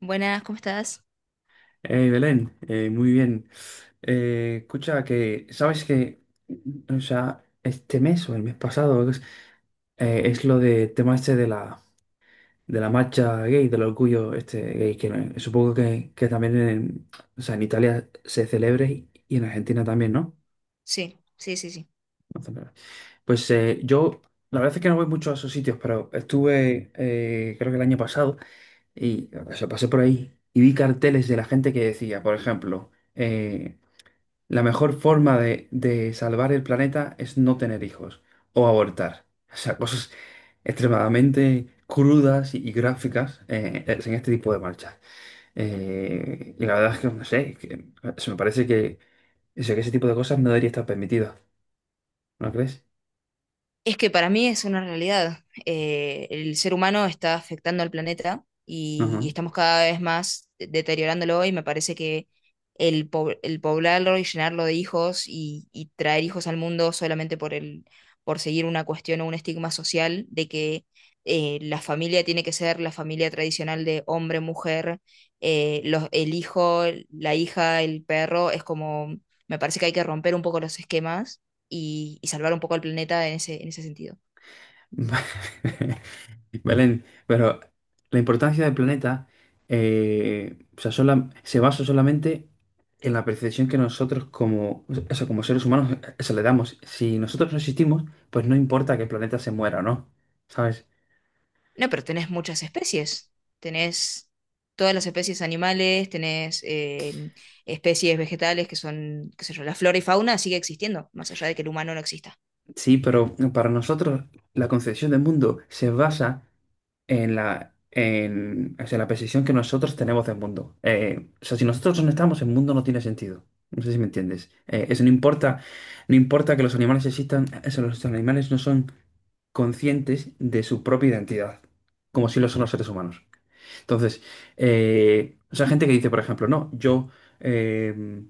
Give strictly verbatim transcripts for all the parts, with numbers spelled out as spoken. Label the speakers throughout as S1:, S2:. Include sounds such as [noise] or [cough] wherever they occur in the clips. S1: Buenas, ¿cómo estás?
S2: Hey, Belén, eh, muy bien. Eh, escucha, que sabes que, o sea, este mes o el mes pasado es, eh, es lo de tema este de la, de la marcha gay, del orgullo este gay, que eh, supongo que, que también en, o sea, en Italia se celebra y, y en Argentina también, ¿no?
S1: Sí, sí, sí, sí.
S2: No celebra. Pues eh, yo, la verdad es que no voy mucho a esos sitios, pero estuve, eh, creo que el año pasado, y o sea, pasé por ahí y vi carteles de la gente que decía, por ejemplo, eh, la mejor forma de, de salvar el planeta es no tener hijos o abortar. [laughs] O sea, cosas extremadamente crudas y, y gráficas eh, en este tipo de marchas. Eh, y la verdad es que, no sé, que- se me parece que, o sea, que ese tipo de cosas no debería estar permitido. ¿No crees?
S1: Es que para mí es una realidad. Eh, el ser humano está afectando al planeta y, y
S2: Ajá.
S1: estamos cada vez más deteriorándolo y me parece que el, po- el poblarlo y llenarlo de hijos y, y traer hijos al mundo solamente por el, por seguir una cuestión o un estigma social de que eh, la familia tiene que ser la familia tradicional de hombre, mujer, eh, los, el hijo, la hija, el perro, es como, me parece que hay que romper un poco los esquemas y, y salvar un poco al planeta en ese, en ese sentido.
S2: [laughs] Belén, pero la importancia del planeta eh, o sea, sola- se basa solamente en la percepción que nosotros como, o sea, como seres humanos eh, se le damos. Si nosotros no existimos, pues no importa que el planeta se muera o no, ¿sabes?
S1: No, pero tenés muchas especies. Tenés todas las especies animales, tenés eh, especies vegetales que son, qué sé yo, la flora y fauna sigue existiendo, más allá de que el humano no exista.
S2: Sí, pero para nosotros la concepción del mundo se basa en la, en, o sea, la percepción que nosotros tenemos del mundo. Eh, o sea, si nosotros no estamos, el mundo no tiene sentido. No sé si me entiendes. Eh, eso no importa, no importa que los animales existan, eso, los animales no son conscientes de su propia identidad, como si lo son los seres humanos. Entonces, eh, o sea, gente que dice, por ejemplo, no, yo eh,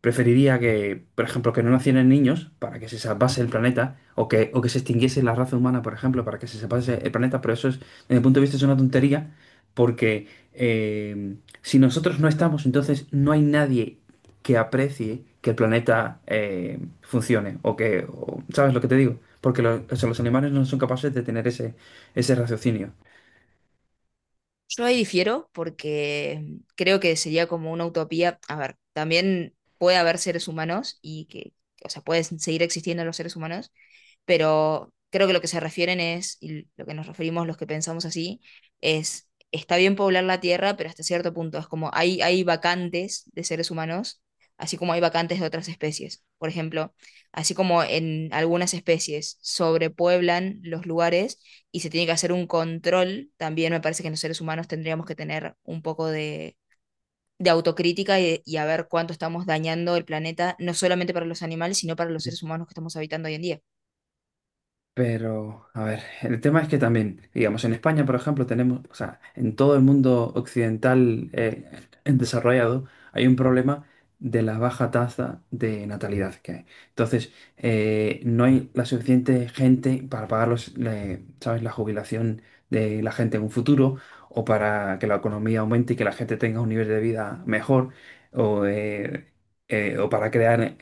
S2: preferiría que, por ejemplo, que no nacieran niños para que se salvase el planeta, o que, o que se extinguiese la raza humana, por ejemplo, para que se salvase el planeta, pero eso es, desde mi punto de vista, es una tontería, porque eh, si nosotros no estamos, entonces no hay nadie que aprecie que el planeta eh, funcione, o que, o- ¿sabes lo que te digo? Porque lo- o sea, los animales no son capaces de tener ese, ese raciocinio.
S1: Yo ahí difiero porque creo que sería como una utopía. A ver, también puede haber seres humanos y que, o sea, pueden seguir existiendo los seres humanos, pero creo que lo que se refieren es, y lo que nos referimos los que pensamos así, es, está bien poblar la Tierra, pero hasta cierto punto es como hay, hay vacantes de seres humanos, así como hay vacantes de otras especies. Por ejemplo, así como en algunas especies sobrepueblan los lugares y se tiene que hacer un control, también me parece que los seres humanos tendríamos que tener un poco de, de autocrítica y, y a ver cuánto estamos dañando el planeta, no solamente para los animales, sino para los seres humanos que estamos habitando hoy en día.
S2: Pero, a ver, el tema es que también, digamos, en España, por ejemplo, tenemos, o sea, en todo el mundo occidental eh, en desarrollado, hay un problema de la baja tasa de natalidad que hay. Entonces, eh, no hay la suficiente gente para pagar los, le- ¿sabes? La jubilación de la gente en un futuro o para que la economía aumente y que la gente tenga un nivel de vida mejor o, eh, eh, o para crear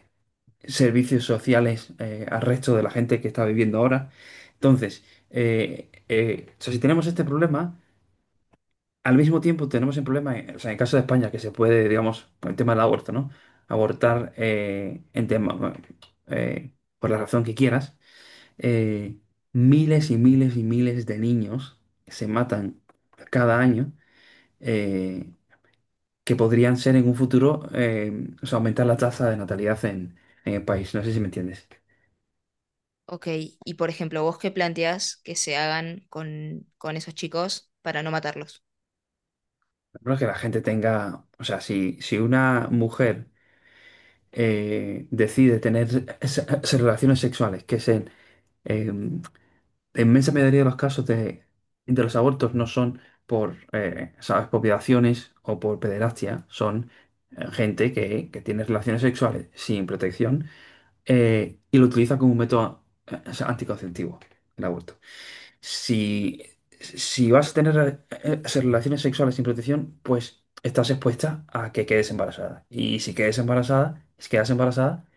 S2: servicios sociales eh, al resto de la gente que está viviendo ahora. Entonces, eh, eh, o sea, si tenemos este problema, al mismo tiempo tenemos el problema, eh, o sea, en el caso de España, que se puede, digamos, con el tema del aborto, ¿no? Abortar eh, en tema, bueno, eh, por la razón que quieras, eh, miles y miles y miles de niños se matan cada año. eh, que podrían ser en un futuro, eh, o sea, aumentar la tasa de natalidad en, en el país. No sé si me entiendes.
S1: Ok, y por ejemplo, ¿vos qué planteás que se hagan con, con esos chicos para no matarlos?
S2: No es que la gente tenga, o sea, si, si una mujer eh, decide tener es- es- relaciones sexuales, que es en eh, la inmensa mayoría de los casos de, de los abortos no son por, eh, ¿sabes?, por violaciones o por pederastia, son eh, gente que, que tiene relaciones sexuales sin protección eh, y lo utiliza como un método eh, anticonceptivo, el aborto. Si, si vas a tener eh, eh, relaciones sexuales sin protección, pues estás expuesta a que quedes embarazada. Y si quedes embarazada, si quedas embarazada,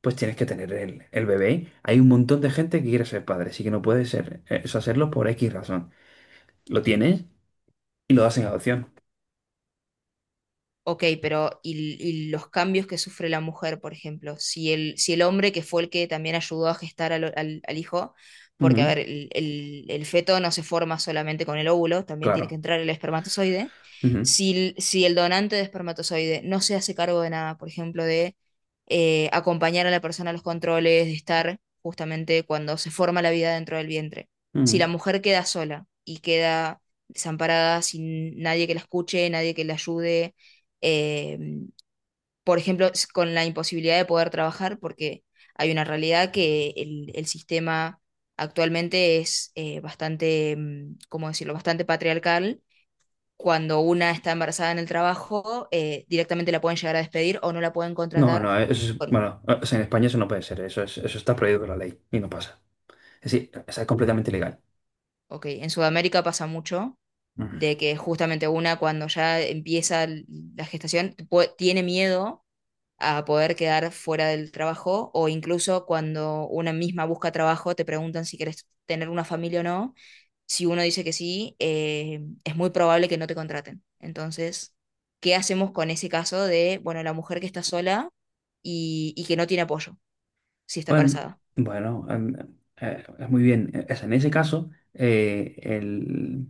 S2: pues tienes que tener el, el bebé. Hay un montón de gente que quiere ser padre, así que no puede ser, eh, eso hacerlo por X razón. Lo tienes y lo das en adopción.
S1: Ok, pero y, y los cambios que sufre la mujer, por ejemplo, si el, si el hombre que fue el que también ayudó a gestar al, al- al hijo, porque a
S2: Ujú,
S1: ver, el, el- el feto no se forma solamente con el óvulo, también tiene que
S2: claro.
S1: entrar el espermatozoide,
S2: Ujú,
S1: si, el- si el donante de espermatozoide no se hace cargo de nada, por ejemplo, de eh, acompañar a la persona a los controles, de estar justamente cuando se forma la vida dentro del vientre, si
S2: ujú.
S1: la mujer queda sola y queda desamparada, sin nadie que la escuche, nadie que la ayude, eh, por ejemplo, s- con la imposibilidad de poder trabajar, porque hay una realidad que el, el sistema actualmente es eh, bastante, mm, ¿cómo decirlo?, bastante patriarcal. Cuando una está embarazada en el trabajo, eh, directamente la pueden llegar a despedir o no la pueden
S2: No,
S1: contratar.
S2: no, eso es,
S1: Bueno,
S2: bueno, o sea, en España eso no puede ser, eso es, eso está prohibido por la ley y no pasa. Es decir, o sea, es completamente ilegal.
S1: ok, en Sudamérica pasa mucho de que justamente una cuando ya empieza l- la gestación pue- tiene miedo a poder quedar fuera del trabajo o incluso cuando una misma busca trabajo, te preguntan si quieres tener una familia o no. Si uno dice que sí, eh, es muy probable que no te contraten. Entonces, ¿qué hacemos con ese caso de, bueno, la mujer que está sola y, y que no tiene apoyo si está
S2: Bueno,
S1: embarazada?
S2: bueno, em, eh, es muy bien. Es en ese caso, eh, el,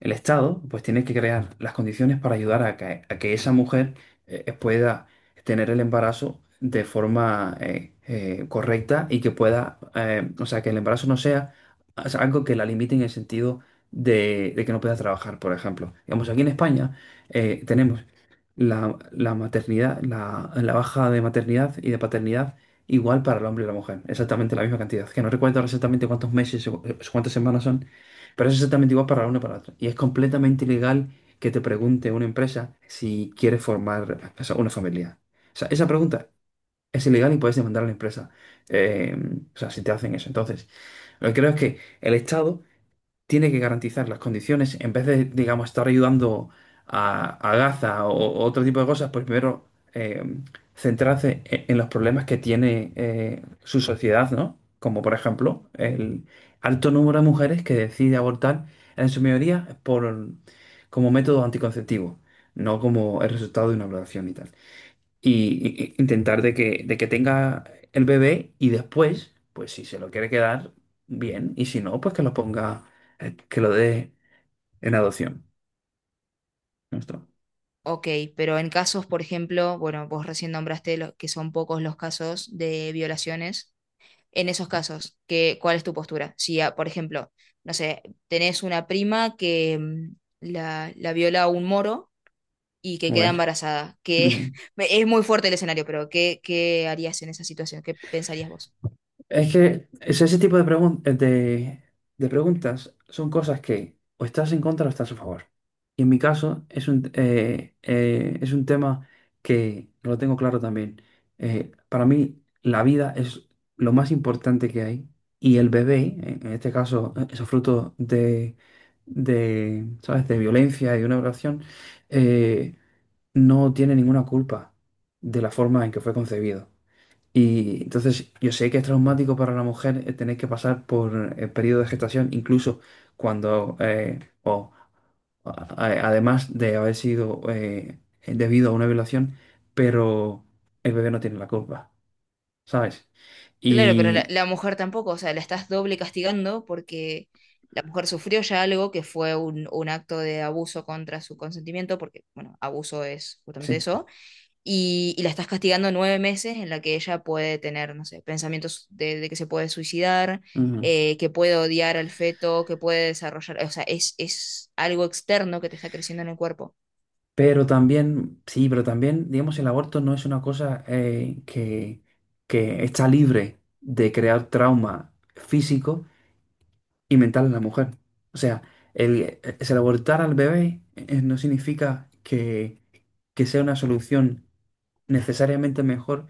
S2: el Estado pues tiene que crear las condiciones para ayudar a que, a que esa mujer eh, eh, pueda tener el embarazo de forma eh, eh, correcta y que pueda, eh, o sea, que el embarazo no sea, o sea, algo que la limite en el sentido de, de que no pueda trabajar, por ejemplo. Digamos, aquí en España eh, tenemos la, la maternidad, la, la baja de maternidad y de paternidad igual para el hombre y la mujer, exactamente la misma cantidad, que no recuerdo ahora exactamente cuántos meses o o cuántas semanas son, pero es exactamente igual para la una y para la otra. Y es completamente ilegal que te pregunte una empresa si quiere formar, o sea, una familia. O sea, esa pregunta es ilegal y puedes demandar a la empresa. eh, o sea, si te hacen eso. Entonces, lo que creo es que el Estado tiene que garantizar las condiciones, en vez de, digamos, estar ayudando a, a Gaza o, o otro tipo de cosas, pues primero eh, centrarse e- en los problemas que tiene eh, su sociedad, ¿no? Como por ejemplo el alto número de mujeres que decide abortar, en su mayoría por, como método anticonceptivo, no como el resultado de una violación y tal y, y- intentar de que, de que tenga el bebé y después, pues si se lo quiere quedar, bien, y si no, pues que lo ponga, eh, que lo dé en adopción. Ya está.
S1: Ok, pero en casos, por ejemplo, bueno, vos recién nombraste lo- que son pocos los casos de violaciones en esos casos. ¿Qué, cuál es tu postura? Si, ah, por ejemplo, no sé, tenés una prima que mm, la, la viola un moro y que
S2: Muy
S1: queda
S2: bien.
S1: embarazada, que
S2: Ujú.
S1: [laughs] me- es muy fuerte el escenario, pero ¿qué, qué harías en esa situación? ¿Qué pensarías vos?
S2: Es que es ese tipo de, pregun- de, de preguntas son cosas que o estás en contra o estás a favor. Y en mi caso es un, eh, eh, es un tema que lo tengo claro también. Eh, para mí la vida es lo más importante que hay y el bebé, en en este caso, eh, esos frutos de, de, ¿sabes? De violencia y de una violación, eh, no tiene ninguna culpa de la forma en que fue concebido. Y entonces yo sé que es traumático para la mujer eh, tener que pasar por el periodo de gestación, incluso cuando, eh, o a- a- además de haber sido eh, debido a una violación, pero el bebé no tiene la culpa, ¿sabes?
S1: Claro, pero la,
S2: Y
S1: la mujer tampoco, o sea, la estás doble castigando porque la mujer sufrió ya algo que fue un, un acto de abuso contra su consentimiento, porque, bueno, abuso es justamente
S2: sí.
S1: eso y, y la estás castigando nueve meses en la que ella puede tener, no sé, pensamientos de, de que se puede suicidar,
S2: Ujú.
S1: eh, que puede odiar al feto, que puede desarrollar, o sea, es, es algo externo que te está creciendo en el cuerpo.
S2: Pero también, sí, pero también, digamos, el aborto no es una cosa eh, que, que está libre de crear trauma físico y mental en la mujer. O sea, el, el abortar al bebé eh, no significa que, que sea una solución necesariamente mejor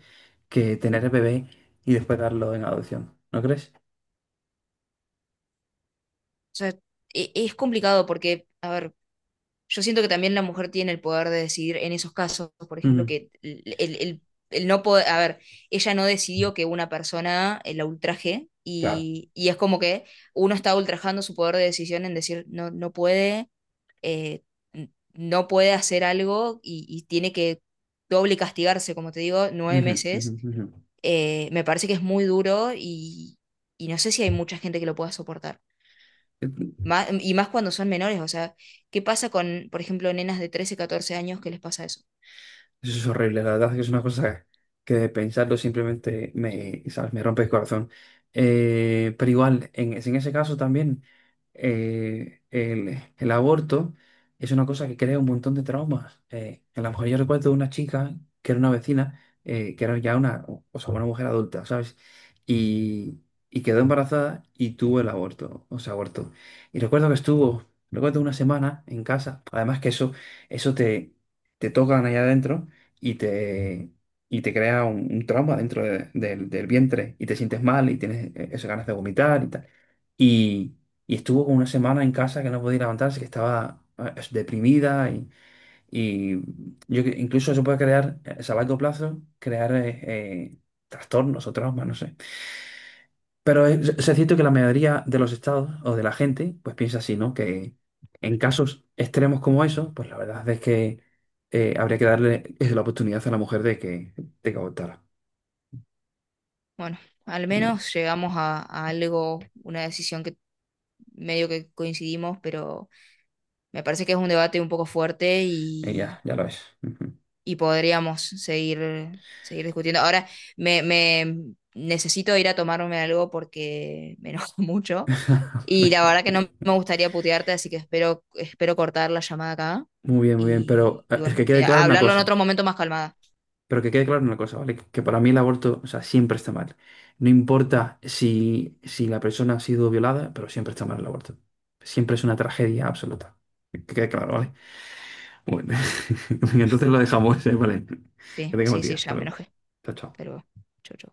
S2: que tener el bebé y después darlo en adopción. ¿No crees?
S1: O sea, e- es complicado porque, a ver, yo siento que también la mujer tiene el poder de decidir en esos casos, por ejemplo,
S2: Ujú,
S1: que el, el- el- el no poder, a ver, ella no decidió que una persona eh, la ultraje
S2: claro.
S1: y, y es como que uno está ultrajando su poder de decisión en decir, no, no puede, eh, n- no puede hacer algo y, y tiene que doble castigarse, como te digo, nueve
S2: Ujú,
S1: meses.
S2: ujú,
S1: Eh, me parece que es muy duro y, y no sé si hay mucha gente que lo pueda soportar.
S2: ujú.
S1: Má- y más cuando son menores, o sea, ¿qué pasa con, por ejemplo, nenas de trece catorce años que les pasa eso?
S2: Eso es horrible, la verdad es que es una cosa que de pensarlo simplemente me, ¿sabes? Me rompe el corazón. Eh, pero igual, en, en ese caso también, eh, el, el aborto es una cosa que crea un montón de traumas. Eh, a lo mejor yo recuerdo de una chica que era una vecina, eh, que era ya una, o sea, una mujer adulta, ¿sabes? Y, y quedó embarazada y tuvo el aborto, o sea, aborto. Y recuerdo que estuvo, recuerdo una semana en casa, además que eso, eso te, te tocan allá adentro y te, y te crea un, un trauma dentro de- del del vientre y te sientes mal y tienes eh, esas ganas de vomitar y tal. Y, y estuvo como una semana en casa que no podía levantarse, que estaba eh, es- deprimida y, y yo cre- incluso eso puede crear, eh, a largo plazo, crear eh, eh, trastornos o traumas, no sé. Pero es, es cierto que la mayoría de los estados o de la gente, pues piensa así, ¿no? Que en casos extremos como esos, pues la verdad es que eh, habría que darle es la oportunidad a la mujer de que, de que votara.
S1: Bueno, al
S2: Como
S1: menos llegamos a, a algo, una decisión que medio que coincidimos, pero me parece que es un debate un poco fuerte
S2: ella,
S1: y,
S2: ya lo es. Ujú.
S1: y podríamos seguir, seguir discutiendo. Ahora, me, me necesito ir a tomarme algo porque me enojo [laughs] mucho y la verdad que no me gustaría putearte, así que espero, espero cortar la llamada acá
S2: Muy bien, muy bien. Pero
S1: y, y
S2: eh, es
S1: bueno,
S2: que
S1: eh,
S2: quede claro una
S1: hablarlo en
S2: cosa.
S1: otro momento más calmada.
S2: Pero que quede claro una cosa, ¿vale? Que para mí el aborto, o sea, siempre está mal. No importa si, si la persona ha sido violada, pero siempre está mal el aborto. Siempre es una tragedia absoluta. Que quede claro,
S1: Ok.
S2: ¿vale? Bueno, [laughs] venga, entonces lo dejamos, ¿eh? Vale. Que
S1: Sí,
S2: tengas buen
S1: sí, sí,
S2: día. Hasta
S1: ya me
S2: luego.
S1: enojé,
S2: Chao, chao.
S1: pero chau, chau.